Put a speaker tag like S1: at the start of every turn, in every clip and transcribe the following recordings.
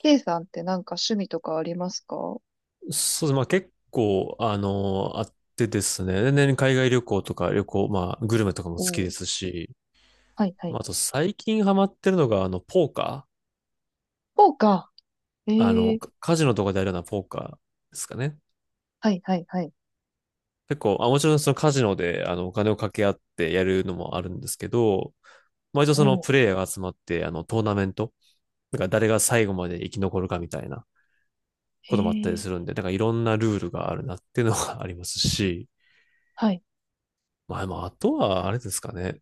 S1: K さんってなんか趣味とかありますか？お、
S2: そうです。結構、あの、あってですね、年々海外旅行とか旅行、まあグルメとかも
S1: お
S2: 好きで
S1: ー、
S2: すし、
S1: はいは
S2: ま
S1: い。
S2: ああと最近ハマってるのが、ポーカ
S1: そうか。え
S2: ー、あの、
S1: ー、
S2: カカジノとかでやるようなポーカーですかね。
S1: はいはいはい。
S2: 結構、もちろんそのカジノで、お金を掛け合ってやるのもあるんですけど、まあ一応
S1: お
S2: その
S1: お、
S2: プレイヤーが集まって、トーナメント、なんか誰が最後まで生き残るかみたいな
S1: え
S2: こともあったり
S1: ー、
S2: するんで、なんかいろんなルールがあるなっていうのが ありますし、
S1: はい。
S2: まああとはあれですかね。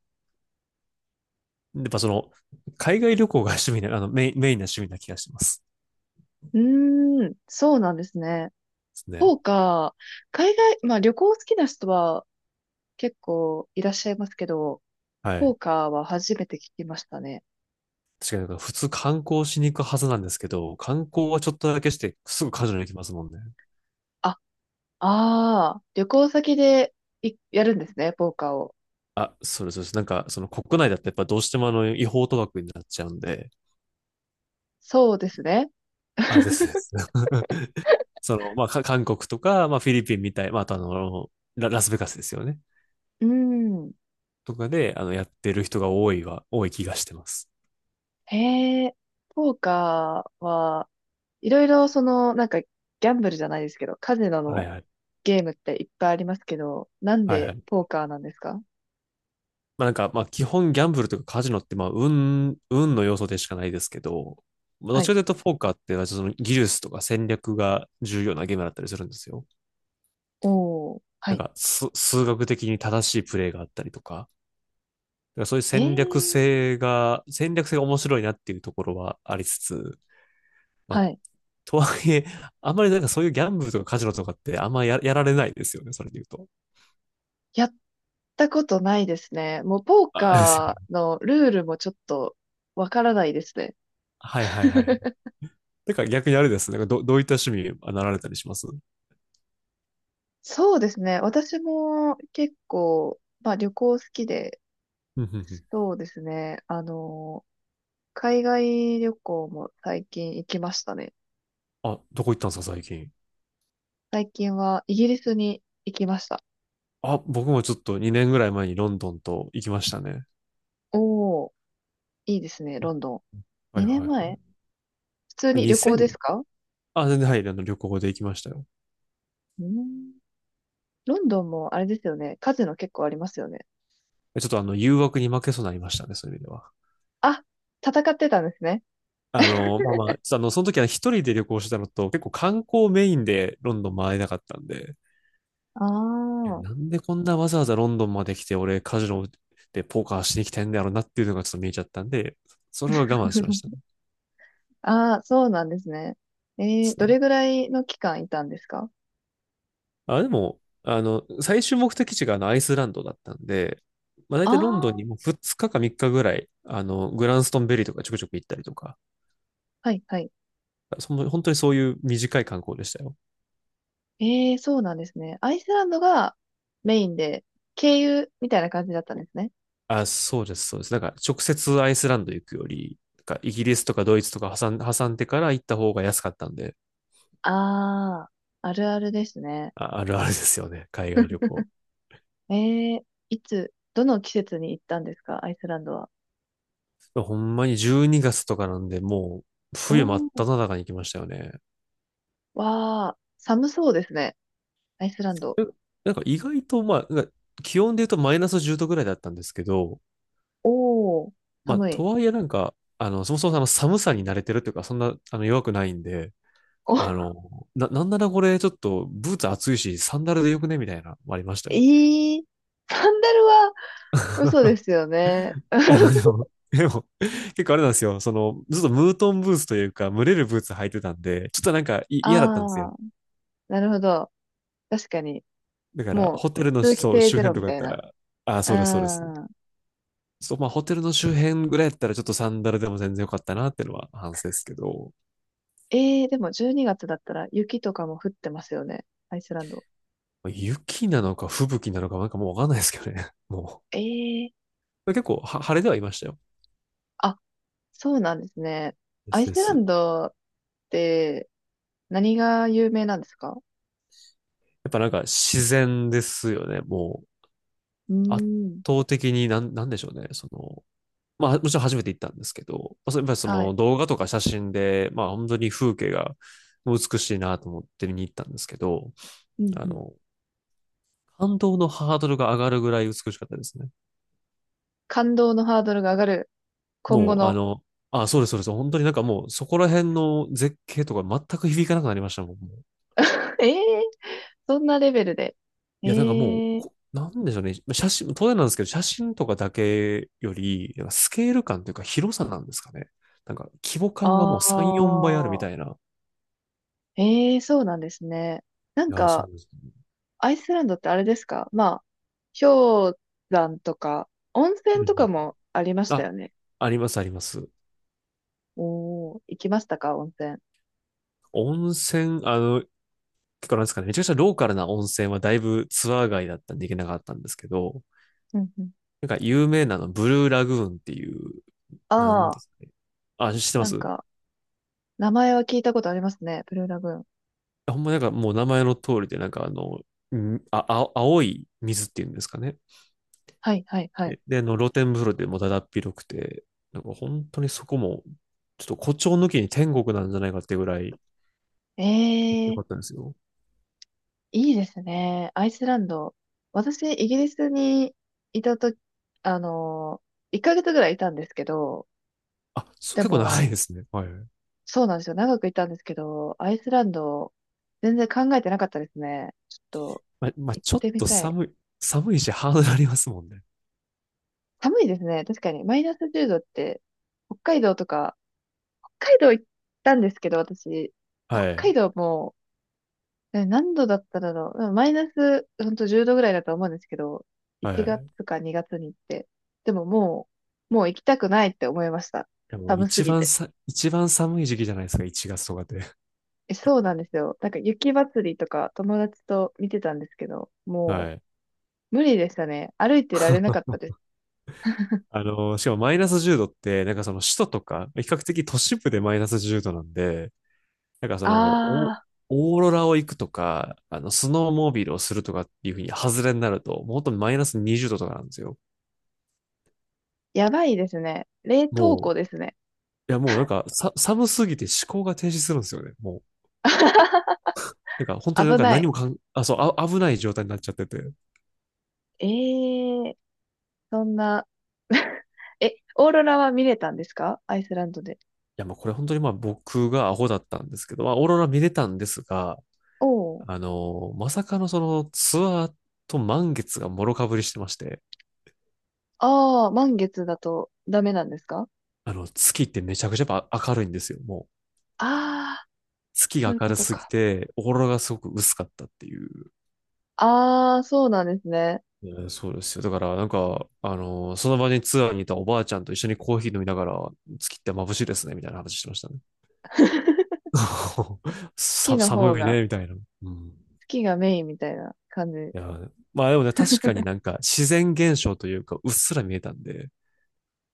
S2: やっぱその、海外旅行が趣味な、メインな趣味な気がします。で
S1: うーん、そうなんですね。
S2: すね。
S1: そうか。海外、まあ旅行好きな人は結構いらっしゃいますけど、
S2: は
S1: ポ
S2: い。
S1: ーカーは初めて聞きましたね。
S2: 確かになんか普通観光しに行くはずなんですけど、観光はちょっとだけして、すぐカジュアルに行きますもんね。
S1: あ、ああ、旅行先でいやるんですね、ポーカーを。
S2: そうです、そうです。なんか、その国内だってやっぱどうしても違法賭博になっちゃうんで、
S1: そうですね。
S2: ですです。韓国とか、まあ、フィリピンみたい、まあ、あとあの、ラ、ラスベガスですよね。
S1: うーん。
S2: とかで、やってる人が多いは、多い気がしてます。
S1: へえ、ポーカーは、いろいろその、なんか、ギャンブルじゃないですけど、カジノ
S2: はい
S1: の
S2: はい。
S1: ゲームっていっぱいありますけど、なん
S2: はいは
S1: で
S2: い。
S1: ポーカーなんですか？
S2: まあ基本ギャンブルとかカジノってまあ運の要素でしかないですけど、まあど
S1: は
S2: っち
S1: い。
S2: らかというとポーカーってその技術とか戦略が重要なゲームだったりするんですよ。
S1: おー、は
S2: なん
S1: い。
S2: かす数学的に正しいプレイがあったりとか、だからそういう
S1: えー、
S2: 戦略性が、戦略性が面白いなっていうところはありつつ、まあ
S1: はい。
S2: とはいえ、あんまりなんかそういうギャンブルとかカジノとかってやられないですよね、それで言うと。
S1: やったことないですね。もうポー
S2: あですよ
S1: カ
S2: ね。
S1: ーのルールもちょっとわからないですね。
S2: はいはいはいはい。だから逆にあれですね、どういった趣味あなられたりします？
S1: そうですね。私も結構、まあ旅行好きで、
S2: うんうんうん。
S1: そうですね。海外旅行も最近行きましたね。
S2: あ、どこ行ったんですか、最近。
S1: 最近はイギリスに行きました。
S2: あ、僕もちょっと2年ぐらい前にロンドンと行きましたね。
S1: おー、いいですね、ロンドン。
S2: はい
S1: 2
S2: はい
S1: 年
S2: は
S1: 前普通
S2: い。
S1: に旅行
S2: 2000?
S1: ですか？
S2: 全然はい、あの旅行で行きましたよ。
S1: うん。ロンドンもあれですよね。カジノ結構ありますよね。
S2: ちょっとあの、誘惑に負けそうになりましたね、そういう意味では。
S1: あ、戦ってたんですね。
S2: ちょっとあの、その時は一人で旅行してたのと、結構観光メインでロンドン回れなかったんで、
S1: あ
S2: え
S1: あ。
S2: なんでこんなわざわざロンドンまで来て、俺カジノでポーカーしに来てんだろうなっていうのがちょっと見えちゃったんで、それは我慢しましたね。
S1: ああ、そうなんですね。
S2: で
S1: えー、
S2: す
S1: どれ
S2: ね。
S1: ぐらいの期間いたんですか？
S2: あ、でも、あの、最終目的地があのアイスランドだったんで、まあ、大
S1: あ
S2: 体ロンドン
S1: あ
S2: にも2日か3日ぐらい、グランストンベリーとかちょくちょく行ったりとか、
S1: ー、はいはい。
S2: その本当にそういう短い観光でしたよ。
S1: えー、そうなんですね。アイスランドがメインで、経由みたいな感じだったんですね。
S2: そうです、そうです。なんか直接アイスランド行くより、なんかイギリスとかドイツとか挟んでから行った方が安かったんで、
S1: ああ、あるあるですね。
S2: あるあるですよね、海外旅行。
S1: えー、いつ、どの季節に行ったんですか、アイスランドは？
S2: ほんまに12月とかなんで、もう冬真っ
S1: お
S2: 只中に行きましたよね。
S1: わあ、寒そうですね。アイスランド。
S2: え、なんか意外と、気温で言うとマイナス10度ぐらいだったんですけど、
S1: おー、寒い。
S2: とはいえなんか、そもそもあの寒さに慣れてるというか、そんなあの弱くないんで、
S1: お、
S2: あの、なんならこれちょっとブーツ暑いし、サンダルでよくねみたいな、ありました
S1: え
S2: よ。
S1: ー、サンダルは嘘ですよね。
S2: あ のでも、結構あれなんですよ。その、ずっとムートンブーツというか、蒸れるブーツ履いてたんで、ちょっとなんか嫌だったんですよ。
S1: ああ、なるほど。確かに。
S2: だから、
S1: も
S2: ホ
S1: う、
S2: テルの、
S1: 通気
S2: そう、
S1: 性
S2: 周
S1: ゼロ
S2: 辺と
S1: み
S2: かだ
S1: た
S2: っ
S1: い
S2: た
S1: な。
S2: ら、そうです、そうです。
S1: うん。
S2: ホテルの周辺ぐらいやったら、ちょっとサンダルでも全然良かったなっていうのは反省ですけど、
S1: ええ。でも12月だったら雪とかも降ってますよね。アイスランド。
S2: まあ雪なのか吹雪なのか、なんかもうわかんないですけどね。も
S1: ええ、
S2: う。結構は、晴れではいましたよ。
S1: あ、そうなんですね。
S2: で
S1: ア
S2: す
S1: イス
S2: です。
S1: ラ
S2: や
S1: ンドって何が有名なんですか？
S2: っぱなんか自然ですよね。もう、
S1: う
S2: 圧
S1: ーん。
S2: 倒的になん、なんでしょうね。その、まあ、もちろん初めて行ったんですけど、まあ、やっぱりそ
S1: はい。
S2: の動画とか写真で、まあ、本当に風景が美しいなと思って見に行ったんですけど、
S1: うん
S2: あ
S1: うん。
S2: の、感動のハードルが上がるぐらい美しかったですね。
S1: 感動のハードルが上がる。今後
S2: もう、あ
S1: の。
S2: の、あ、そうです、そうです。本当になんかもう、そこら辺の絶景とか全く響かなくなりましたもん。もう
S1: ええ、そんなレベルで。
S2: いや、なんかもう、
S1: え
S2: こ
S1: え。
S2: なんでしょうね。写真、当然なんですけど、写真とかだけより、なんかスケール感というか広さなんですかね。なんか規模感が
S1: あ
S2: もう3、4倍あるみ
S1: あ、
S2: たいな。
S1: ええ、そうなんですね。なん
S2: いや、そ
S1: か、
S2: うですね。
S1: アイスランドってあれですか？まあ、氷山とか、温
S2: うん
S1: 泉
S2: う
S1: とか
S2: ん。
S1: もありました
S2: あ、
S1: よね。
S2: あります、あります。
S1: おー、行きましたか、温泉？
S2: 温泉、あの、結構なんですかね、めちゃくちゃローカルな温泉はだいぶツアー外だったんで行けなかったんですけど、
S1: うんうん。
S2: なんか有名なのブルーラグーンっていうなん
S1: あ
S2: で
S1: あ、
S2: すかね。あ、知ってま
S1: なん
S2: す？
S1: か、名前は聞いたことありますね。ブルーラグーン。
S2: ほんまなんかもう名前の通りで、青い水っていうんですかね。
S1: はい、はい、はい。
S2: で、であの露天風呂でもだだっ広くて、なんか本当にそこも、ちょっと誇張抜きに天国なんじゃないかってぐらい良
S1: え、
S2: かったんですよ。
S1: いいですね。アイスランド。私、イギリスにいたとき、あの、1ヶ月ぐらいいたんですけど、
S2: あ、そう
S1: で
S2: 結構長い
S1: も、
S2: ですね。はい。
S1: そうなんですよ。長くいたんですけど、アイスランド、全然考えてなかったですね。ちょっと、
S2: まあ、
S1: 行っ
S2: ちょっ
S1: てみ
S2: と
S1: たい。
S2: 寒い、寒いしハードルありますもんね。
S1: 寒いですね。確かに。マイナス10度って、北海道とか、北海道行ったんですけど、私、北
S2: はい。
S1: 海道も何度だっただろう。うんマイナス、ほんと10度ぐらいだと思うんですけど、
S2: は
S1: 1
S2: い。
S1: 月
S2: い
S1: か2月に行って。でももう行きたくないって思いました。
S2: やもう
S1: 寒す
S2: 一
S1: ぎ
S2: 番
S1: て。
S2: さ、一番寒い時期じゃないですか、1月とかで。
S1: え、そうなんですよ。なんか雪祭りとか友達と見てたんですけど、も
S2: はい。
S1: う無理でしたね。歩いてられなかったです。
S2: あの、しかもマイナス10度って、なんかその首都とか、比較的都市部でマイナス10度なんで、なんかその、お
S1: あ
S2: オーロラを行くとか、スノーモービルをするとかっていうふうに外れになると、もう本当にマイナス20度とかなんですよ。
S1: ー、やばいですね。冷凍
S2: も
S1: 庫ですね。
S2: う、いやもうなんかさ、寒すぎて思考が停止するんですよね。もう、なんか本当になん
S1: 危
S2: か
S1: な
S2: 何
S1: い。
S2: もかん、あ、そう、あ、危ない状態になっちゃってて。い
S1: えー、そんな。え、オーロラは見れたんですか、アイスランドで？
S2: やもうこれ本当にまあ僕がアホだったんですけど、まあオーロラ見れたんですが、
S1: おー。
S2: まさかのそのツアーと満月がもろかぶりしてまして、
S1: ああ、満月だとダメなんですか？
S2: 月ってめちゃくちゃやっぱ明るいんですよ、もう。
S1: ああー、
S2: 月
S1: そう
S2: が
S1: いう
S2: 明
S1: こ
S2: る
S1: と
S2: すぎ
S1: か。
S2: て、オーロラがすごく薄かったっていう。
S1: ああ、そうなんですね。
S2: うそうですよ。だから、その場にツアーにいたおばあちゃんと一緒にコーヒー飲みながら、月って眩しいですね、みたいな話してましたね。
S1: 月の方
S2: 寒い
S1: が、
S2: ね、みたいな。うん。
S1: 月がメインみたいな感じ。
S2: いや、まあでもね、確かになんか自然現象というか、うっすら見えたんで、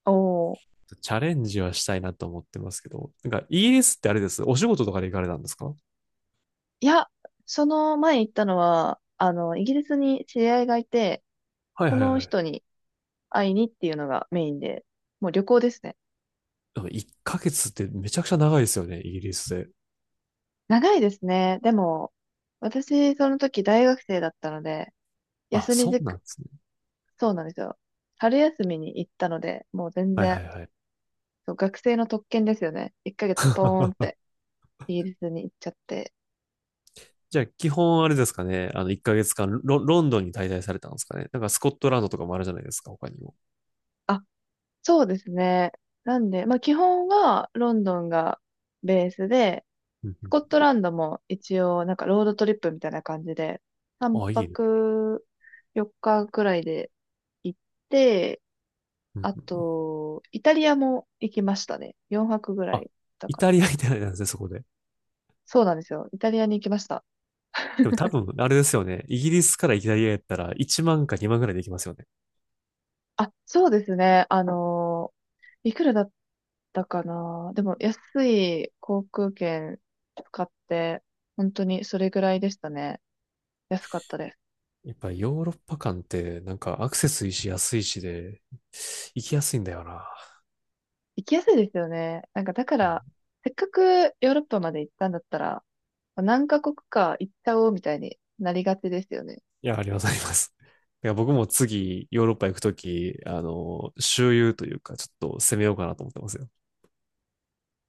S1: おお。
S2: チャレンジはしたいなと思ってますけど、なんかイギリスってあれです。お仕事とかで行かれたんですか？
S1: いや、その前行ったのは、イギリスに知り合いがいて、
S2: はい
S1: そ
S2: はい
S1: の
S2: はい。
S1: 人に会いにっていうのがメインで、もう旅行ですね。
S2: なか1ヶ月ってめちゃくちゃ長いですよね、イギリスで。
S1: 長いですね。でも、私、その時大学生だったので、
S2: あ、
S1: 休み
S2: そう
S1: づ
S2: なん
S1: く、
S2: ですね。
S1: そうなんですよ。春休みに行ったので、もう全
S2: はいは
S1: 然
S2: いはい。
S1: そう、学生の特権ですよね。1ヶ月ポーンって イギリスに行っちゃって。
S2: じゃあ、基本あれですかね。あの、1ヶ月間ロ、ロンドンに滞在されたんですかね。なんかスコットランドとかもあるじゃないですか、他にも。
S1: あ、そうですね。なんで、まあ基本はロンドンがベースで、
S2: うんう
S1: ス
S2: ん。
S1: コットランドも一応なんかロードトリップみたいな感じで、3
S2: あ、いいね。
S1: 泊4日くらいで行って、
S2: うんうん
S1: あ
S2: うん。
S1: と、イタリアも行きましたね。4泊ぐら
S2: あ、
S1: いだ
S2: イ
S1: から。
S2: タリアみたいなんですね、そこで。
S1: そうなんですよ。イタリアに行きました。
S2: でも多分、あれですよね。イギリスからイタリアやったら1万か2万ぐらいで行きますよね。
S1: あ、そうですね。いくらだったかな。でも、安い航空券使って、本当にそれぐらいでしたね。安かったです。
S2: やっぱりヨーロッパ間ってなんかアクセスいいし安いしで行きやすいんだよな。
S1: 行きやすいですよね。なんか、だか
S2: う
S1: ら、
S2: ん。
S1: せっかくヨーロッパまで行ったんだったら、何カ国か行っちゃおうみたいになりがちですよね。
S2: いや、ありがとうございます。だから僕も次、ヨーロッパ行くとき、周遊というか、ちょっと攻めようかなと思ってますよ。